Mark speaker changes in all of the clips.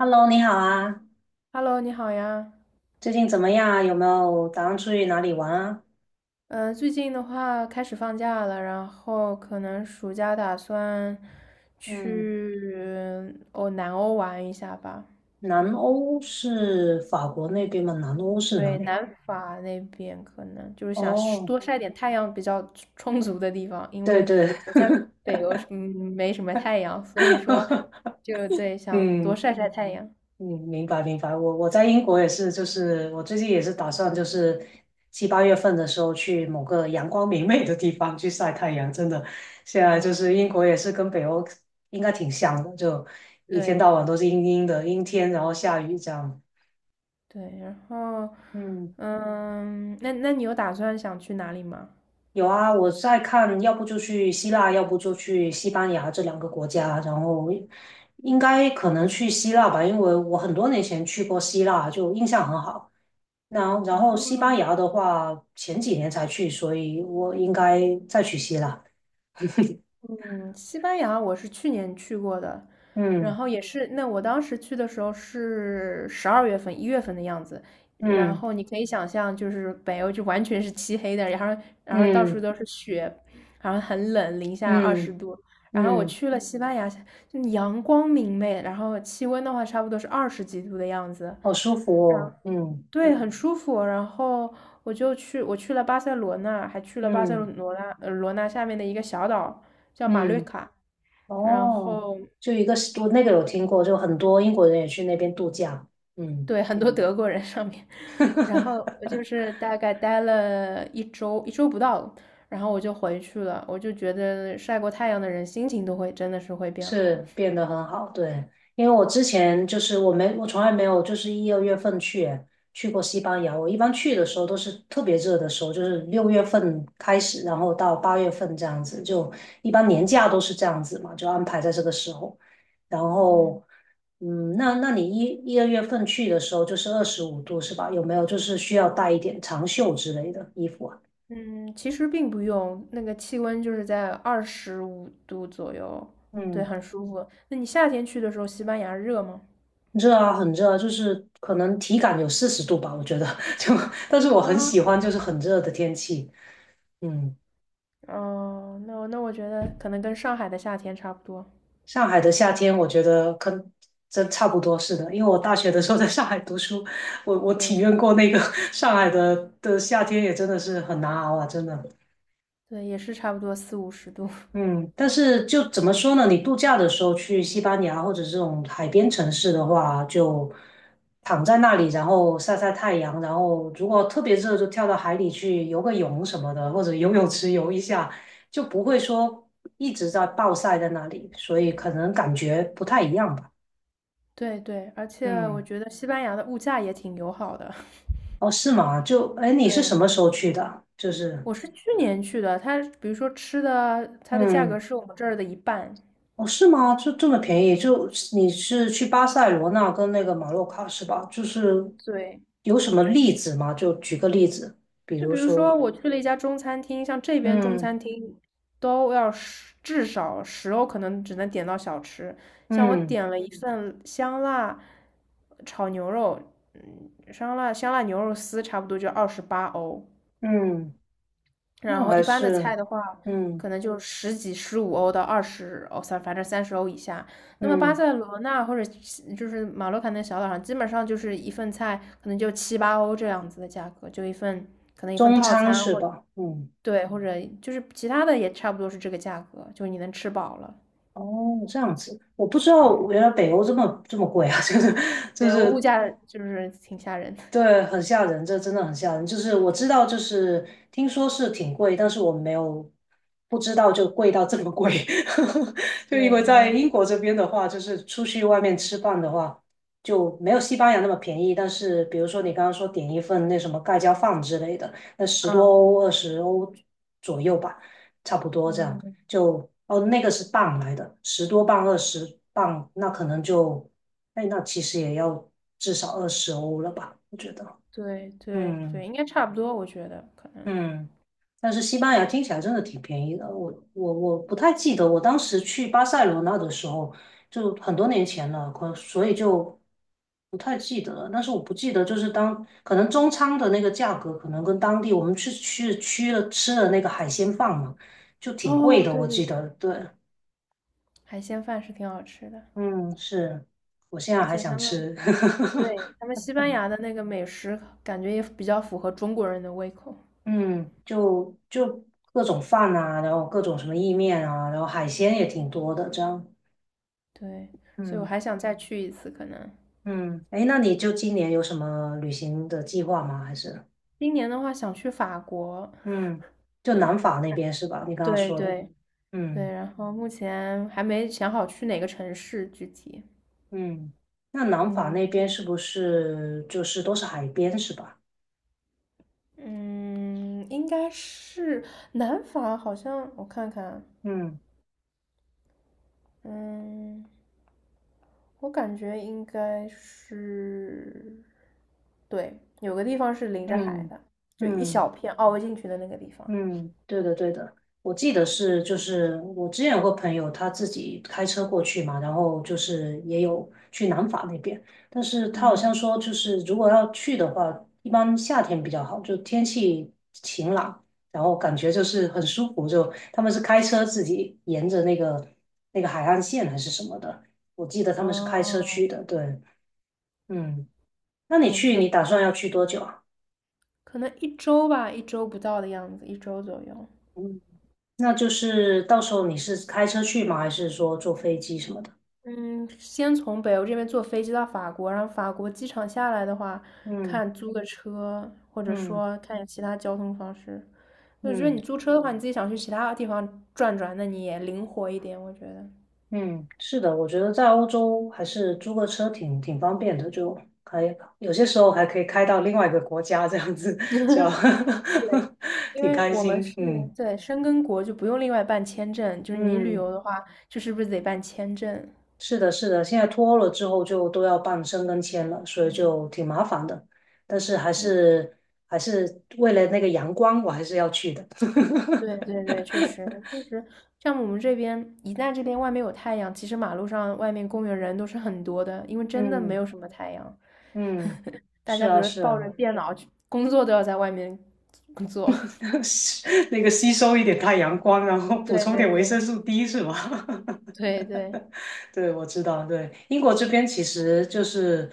Speaker 1: Hello，你好啊，
Speaker 2: Hello，你好呀。
Speaker 1: 最近怎么样啊？有没有打算出去哪里玩啊？
Speaker 2: 嗯，最近的话开始放假了，然后可能暑假打算
Speaker 1: 嗯，
Speaker 2: 去哦南欧玩一下吧。
Speaker 1: 南欧是法国那边吗？南欧是哪
Speaker 2: 对，
Speaker 1: 里？
Speaker 2: 南法那边可能就是想是
Speaker 1: 哦，
Speaker 2: 多晒点太阳比较充足的地方，因
Speaker 1: 对
Speaker 2: 为
Speaker 1: 对，
Speaker 2: 我在北欧是没什么太阳，所以说就对 想多
Speaker 1: 嗯
Speaker 2: 晒晒太阳。
Speaker 1: 嗯，明白明白。我在英国也是，就是我最近也是打算就是7、8月份的时候去某个阳光明媚的地方去晒太阳。真的，现在就是
Speaker 2: 嗯，
Speaker 1: 英国也是跟北欧应该挺像的，就一天
Speaker 2: 对
Speaker 1: 到晚都是阴阴的阴天，然后下雨这样。
Speaker 2: 对，然后
Speaker 1: 嗯。
Speaker 2: 嗯，那你有打算想去哪里吗？
Speaker 1: 有啊，我在看，要不就去希腊，要不就去西班牙这两个国家。然后应该可能去希腊吧，因为我很多年前去过希腊，就印象很好。那然后西班
Speaker 2: 啊。
Speaker 1: 牙的话，前几年才去，所以我应该再去希腊。
Speaker 2: 嗯，西班牙我是去年去过的，然
Speaker 1: 嗯
Speaker 2: 后也是，那我当时去的时候是12月份、1月份的样子，然
Speaker 1: 嗯
Speaker 2: 后你可以想象，就是北欧就完全是漆黑的，然后到处
Speaker 1: 嗯
Speaker 2: 都是雪，然后很冷，零下二十
Speaker 1: 嗯
Speaker 2: 度，然后我
Speaker 1: 嗯，
Speaker 2: 去了西班牙，就阳光明媚，然后气温的话差不多是二十几度的样子，
Speaker 1: 好舒服
Speaker 2: 然。
Speaker 1: 哦。嗯
Speaker 2: 对，很舒服。然后我就去，我去了巴塞罗那，还去了巴塞
Speaker 1: 嗯
Speaker 2: 罗那下面的一个小岛叫马略
Speaker 1: 嗯，
Speaker 2: 卡。然
Speaker 1: 哦，
Speaker 2: 后
Speaker 1: 就一个我那个有听过，就很多英国人也去那边度假。嗯。
Speaker 2: 对，很多德国人上面。然后我 就是大概待了一周，一周不到，然后我就回去了。我就觉得晒过太阳的人心情都会真的是会变好。
Speaker 1: 是变得很好，对，因为我之前就是我从来没有就是一二月份去过西班牙，我一般去的时候都是特别热的时候，就是6月份开始，然后到八月份这样子，就一般年假都是这样子嘛，就安排在这个时候。然后，
Speaker 2: 嗯
Speaker 1: 嗯，那你一二月份去的时候就是25度是吧？有没有就是需要带一点长袖之类的衣服啊？
Speaker 2: 嗯，其实并不用，那个气温就是在25度左右，对，
Speaker 1: 嗯
Speaker 2: 很舒服。那你夏天去的时候，西班牙热吗？
Speaker 1: 热啊，很热啊，就是可能体感有四十度吧，我觉得 就，但是我很喜
Speaker 2: 啊，
Speaker 1: 欢就是很热的天气。嗯，
Speaker 2: 哦，那我觉得可能跟上海的夏天差不多。
Speaker 1: 上海的夏天我觉得跟真差不多是的，因为我大学的时候在上海读书，我体
Speaker 2: 对
Speaker 1: 验过那个 上海的夏天，也真的是很难熬啊，真的。
Speaker 2: 对，也是差不多四五十度。
Speaker 1: 嗯，但是就怎么说呢？你度假的时候去西班牙或者这种海边城市的话，就躺在那里，然后晒晒太阳，然后如果特别热，就跳到海里去游个泳什么的，或者游泳池游一下，就不会说一直在暴晒在那里，所以可能感觉不太一样吧。
Speaker 2: 对对，而且我
Speaker 1: 嗯，
Speaker 2: 觉得西班牙的物价也挺友好的。
Speaker 1: 哦，是吗？就，哎，你是什
Speaker 2: 对，
Speaker 1: 么时候去的？就是，
Speaker 2: 我是去年去的，它比如说吃的，它的价格
Speaker 1: 嗯。
Speaker 2: 是我们这儿的一半。
Speaker 1: 哦，是吗？就这么便宜？就你是去巴塞罗那跟那个马洛卡是吧？就是
Speaker 2: 对，
Speaker 1: 有什么例子吗？就举个例子，比
Speaker 2: 就
Speaker 1: 如
Speaker 2: 比如说，
Speaker 1: 说，
Speaker 2: 我去了一家中餐厅，像这边中
Speaker 1: 嗯
Speaker 2: 餐厅都要至少十欧，可能只能点到小吃。像我
Speaker 1: 嗯
Speaker 2: 点了一份香辣炒牛肉，香辣香辣牛肉丝，差不多就28欧。
Speaker 1: 嗯，
Speaker 2: 然
Speaker 1: 那
Speaker 2: 后
Speaker 1: 还
Speaker 2: 一般的
Speaker 1: 是
Speaker 2: 菜的话，
Speaker 1: 嗯
Speaker 2: 可能就十几、15欧到20欧，反正30欧以下。那么巴
Speaker 1: 嗯，
Speaker 2: 塞罗那或者就是马洛卡那小岛上，基本上就是一份菜可能就七八欧这样子的价格，就一份可能一份
Speaker 1: 中
Speaker 2: 套
Speaker 1: 餐
Speaker 2: 餐
Speaker 1: 是
Speaker 2: 或。
Speaker 1: 吧？嗯，
Speaker 2: 对，或者就是其他的也差不多是这个价格，就是你能吃饱了。
Speaker 1: 哦，这样子，我不知
Speaker 2: 嗯，
Speaker 1: 道原来北欧这么这么贵啊，就是就
Speaker 2: 北欧物
Speaker 1: 是
Speaker 2: 价就是挺吓人的。
Speaker 1: 对，很吓人，这真的很吓人。就是我知道，就是听说是挺贵，但是我没有不知道就贵到这么贵。就因
Speaker 2: 对，
Speaker 1: 为在英国这边的话，就是出去外面吃饭的话，就没有西班牙那么便宜。但是比如说你刚刚说点一份那什么盖浇饭之类的，那十
Speaker 2: 然
Speaker 1: 多
Speaker 2: 后
Speaker 1: 欧、二十欧左右吧，差不多这
Speaker 2: 嗯
Speaker 1: 样。
Speaker 2: 嗯，
Speaker 1: 就哦，那个是磅来的，十多磅、二十磅，那可能就哎，那其实也要至少二十欧了吧？我觉得，
Speaker 2: 对对对，
Speaker 1: 嗯
Speaker 2: 应该差不多，我觉得可能。
Speaker 1: 嗯。但是西班牙听起来真的挺便宜的，我不太记得我当时去巴塞罗那的时候，就很多年前了，所以就不太记得了。但是我不记得就是可能中餐的那个价格，可能跟当地我们去了吃的那个海鲜饭嘛，就挺贵
Speaker 2: 哦，
Speaker 1: 的，
Speaker 2: 对
Speaker 1: 我
Speaker 2: 对
Speaker 1: 记
Speaker 2: 对，
Speaker 1: 得。对，
Speaker 2: 海鲜饭是挺好吃的，
Speaker 1: 嗯，是，我现在
Speaker 2: 而
Speaker 1: 还
Speaker 2: 且
Speaker 1: 想
Speaker 2: 他们
Speaker 1: 吃。
Speaker 2: 对他们西班牙的那个美食，感觉也比较符合中国人的胃口。
Speaker 1: 嗯，就各种饭啊，然后各种什么意面啊，然后海鲜也挺多的，这样。
Speaker 2: 对，所以我
Speaker 1: 嗯
Speaker 2: 还想再去一次，可能
Speaker 1: 嗯，哎，那你就今年有什么旅行的计划吗？还是
Speaker 2: 今年的话想去法国。
Speaker 1: 嗯，就南法那边是吧？你刚刚
Speaker 2: 对
Speaker 1: 说的。
Speaker 2: 对，对，
Speaker 1: 嗯
Speaker 2: 然后目前还没想好去哪个城市具体。
Speaker 1: 嗯，那南法
Speaker 2: 嗯
Speaker 1: 那边是不是就是都是海边是吧？
Speaker 2: 嗯，应该是南法，好像我看看，
Speaker 1: 嗯
Speaker 2: 嗯，我感觉应该是，对，有个地方是临着海
Speaker 1: 嗯
Speaker 2: 的，就一
Speaker 1: 嗯。
Speaker 2: 小片凹进去的那个地方。
Speaker 1: 嗯，对的，对的，我记得是，就是我之前有个朋友，他自己开车过去嘛，然后就是也有去南法那边，但是他好
Speaker 2: 嗯，
Speaker 1: 像说，就是如果要去的话，一般夏天比较好，就天气晴朗，然后感觉就是很舒服，就他们是开车自己沿着那个海岸线还是什么的，我记得他们是开车去
Speaker 2: 哦，
Speaker 1: 的，对，嗯，那你
Speaker 2: 想
Speaker 1: 去，
Speaker 2: 想
Speaker 1: 你打算
Speaker 2: 去，
Speaker 1: 要去多久啊？
Speaker 2: 可能一周吧，一周不到的样子，一周左右。
Speaker 1: 那就是到时候你是开车去吗？还是说坐飞机什么的？
Speaker 2: 嗯，先从北欧这边坐飞机到法国，然后法国机场下来的话，
Speaker 1: 嗯
Speaker 2: 看租个车，或者
Speaker 1: 嗯
Speaker 2: 说看有其他交通方式。我觉得你
Speaker 1: 嗯
Speaker 2: 租车的话，你自己想去其他地方转转，那你也灵活一点，我觉得。
Speaker 1: 嗯，是的，我觉得在欧洲还是租个车挺方便的，就还有些时候还可以开到另外一个国家这样子，只要
Speaker 2: 对，因
Speaker 1: 挺
Speaker 2: 为
Speaker 1: 开
Speaker 2: 我们
Speaker 1: 心。
Speaker 2: 是
Speaker 1: 嗯
Speaker 2: 对申根国，就不用另外办签证。就是你旅
Speaker 1: 嗯，
Speaker 2: 游的话，就是不是得办签证？
Speaker 1: 是的，是的，现在脱欧了之后就都要办申根签了，所以
Speaker 2: 嗯
Speaker 1: 就挺麻烦的。但是还
Speaker 2: 嗯。
Speaker 1: 是还是为了那个阳光，我还是要去的。
Speaker 2: 对 对对，确实就是像我们这边，一旦这边外面有太阳，其实马路上外面公园人都是很多的，因为真的没
Speaker 1: 嗯
Speaker 2: 有什么太阳，
Speaker 1: 嗯，
Speaker 2: 大
Speaker 1: 是
Speaker 2: 家比
Speaker 1: 啊，
Speaker 2: 如说
Speaker 1: 是
Speaker 2: 抱
Speaker 1: 啊，
Speaker 2: 着电脑去工作都要在外面工作。
Speaker 1: 吸那个吸收一点太阳光，然后 补
Speaker 2: 对
Speaker 1: 充
Speaker 2: 对
Speaker 1: 点维生
Speaker 2: 对
Speaker 1: 素 D 是吧？
Speaker 2: 对对，
Speaker 1: 对，我知道，对，英国这边其实就是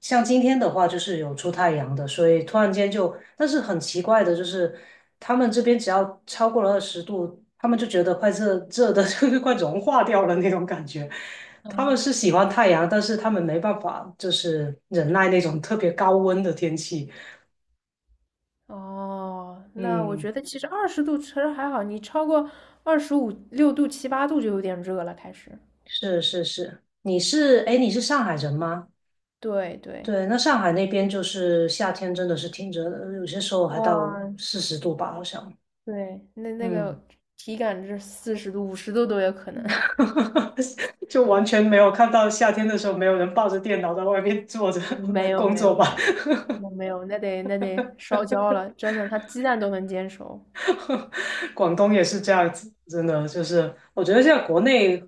Speaker 1: 像今天的话，就是有出太阳的，所以突然间就，但是很奇怪的就是，他们这边只要超过了20度，他们就觉得快热热的，就是快融化掉了那种感觉。他们是喜欢太阳，但是他们没办法，就是忍耐那种特别高温的天气。
Speaker 2: 哦，那我
Speaker 1: 嗯。
Speaker 2: 觉得其实二十度其实还好，你超过二十五六度、七八度就有点热了，开始。
Speaker 1: 是是是，哎，诶你是上海人吗？
Speaker 2: 对对，
Speaker 1: 对，那上海那边就是夏天真的是挺热的，有些时候还到
Speaker 2: 哇，
Speaker 1: 四十度吧，好像。
Speaker 2: 对，那那
Speaker 1: 嗯，
Speaker 2: 个体感是40度、五十度都有可能。
Speaker 1: 就完 全没有看到夏天的时候没有人抱着电脑在外面坐着
Speaker 2: 没 有
Speaker 1: 工
Speaker 2: 没
Speaker 1: 作
Speaker 2: 有没
Speaker 1: 吧。
Speaker 2: 有，那没有，那得烧焦了，真的，它鸡蛋都能煎熟。
Speaker 1: 广东也是这样子，真的就是我觉得现在国内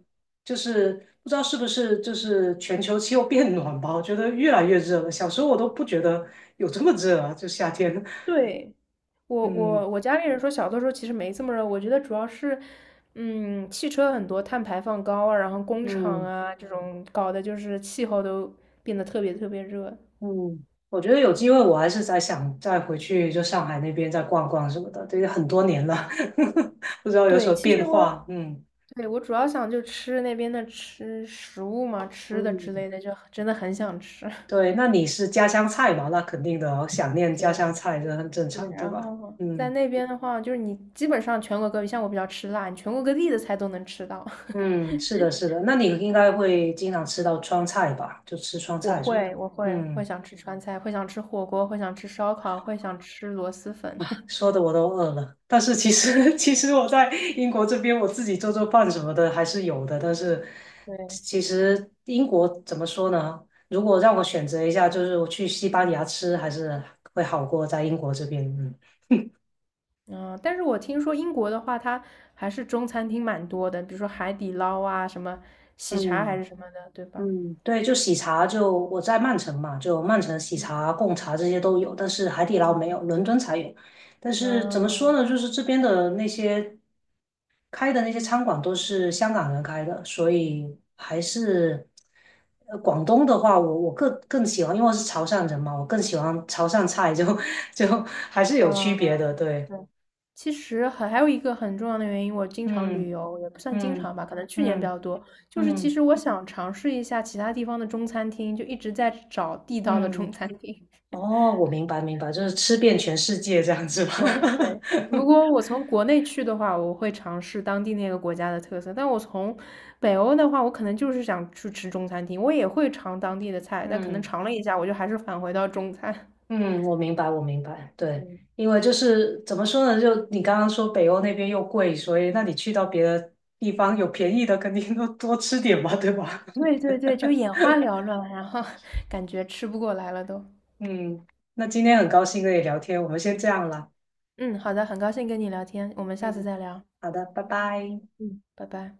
Speaker 1: 就是不知道是不是就是全球气候变暖吧，我觉得越来越热了。小时候我都不觉得有这么热啊，就夏天。
Speaker 2: 对，我
Speaker 1: 嗯
Speaker 2: 我我家里人说小的时候其实没这么热，我觉得主要是，嗯，汽车很多碳排放高啊，然后工厂
Speaker 1: 嗯。
Speaker 2: 啊这种搞的就是气候都变得特别特别热。
Speaker 1: 嗯，我觉得有机会我还是在想再回去就上海那边再逛逛什么的，这个很多年了，不知道有什
Speaker 2: 对，
Speaker 1: 么
Speaker 2: 其
Speaker 1: 变
Speaker 2: 实我
Speaker 1: 化。嗯
Speaker 2: 对我主要想就吃那边的吃食物嘛，吃的之类
Speaker 1: 嗯，
Speaker 2: 的，就真的很想吃。
Speaker 1: 对，那你是家乡菜嘛？那肯定的哦，想念
Speaker 2: 对，
Speaker 1: 家乡菜这很正
Speaker 2: 对，
Speaker 1: 常，对
Speaker 2: 然
Speaker 1: 吧？
Speaker 2: 后在
Speaker 1: 嗯
Speaker 2: 那边的话，就是你基本上全国各地，像我比较吃辣，你全国各地的菜都能吃到。
Speaker 1: 嗯，是的，是的。那你应该会经常吃到川菜吧？就吃川
Speaker 2: 我
Speaker 1: 菜什么的。
Speaker 2: 会，我会
Speaker 1: 嗯
Speaker 2: 想吃川菜，会想吃火锅，会想吃烧烤，会想吃螺蛳粉。
Speaker 1: 说的我都饿了，但是其实 其实我在英国这边我自己做做饭什么的还是有的，但是
Speaker 2: 对，
Speaker 1: 其实英国怎么说呢？如果让我选择一下，就是我去西班牙吃，还是会好过在英国这边。嗯，
Speaker 2: 嗯，但是我听说英国的话，它还是中餐厅蛮多的，比如说海底捞啊，什么喜茶还
Speaker 1: 嗯。
Speaker 2: 是什么的，对吧？
Speaker 1: 嗯，对，就喜茶就我在曼城嘛，就曼城喜
Speaker 2: 嗯
Speaker 1: 茶、贡茶这些都有，但是海底捞没
Speaker 2: 嗯
Speaker 1: 有，伦敦才有。但是怎么说
Speaker 2: 嗯，
Speaker 1: 呢，就是这边的那些开的那些餐馆都是香港人开的，所以还是广东的话，我更喜欢，因为我是潮汕人嘛，我更喜欢潮汕菜就，就还是有
Speaker 2: 嗯，
Speaker 1: 区
Speaker 2: 啊，
Speaker 1: 别的。对，
Speaker 2: 对。其实还有一个很重要的原因，我经常旅
Speaker 1: 嗯
Speaker 2: 游，也不算经常
Speaker 1: 嗯
Speaker 2: 吧，可能去年比
Speaker 1: 嗯
Speaker 2: 较多。
Speaker 1: 嗯
Speaker 2: 就是其
Speaker 1: 嗯。
Speaker 2: 实我想尝试一下其他地方的中餐厅，就一直在找地道的中
Speaker 1: 嗯
Speaker 2: 餐厅。
Speaker 1: 哦，我明白明白，就是吃遍全世界这样子吧。
Speaker 2: 对对，如 果我从国内去的话，我会尝试当地那个国家的特色；但我从北欧的话，我可能就是想去吃中餐厅，我也会尝当地的菜，但可能
Speaker 1: 嗯
Speaker 2: 尝了一下，我就还是返回到中餐。
Speaker 1: 嗯，我明白我明白，对，
Speaker 2: 嗯，
Speaker 1: 因为就是怎么说呢，就你刚刚说北欧那边又贵，所以那你去到别的地方有便宜的，肯定都多吃点嘛，对吧？
Speaker 2: 对对对，就眼花缭乱，然后 感觉吃不过来了都。
Speaker 1: 嗯，那今天很高兴跟你聊天，我们先这样了。
Speaker 2: 嗯，好的，很高兴跟你聊天，我们下次
Speaker 1: 嗯，
Speaker 2: 再聊，
Speaker 1: 好的，拜拜。
Speaker 2: 嗯。拜拜。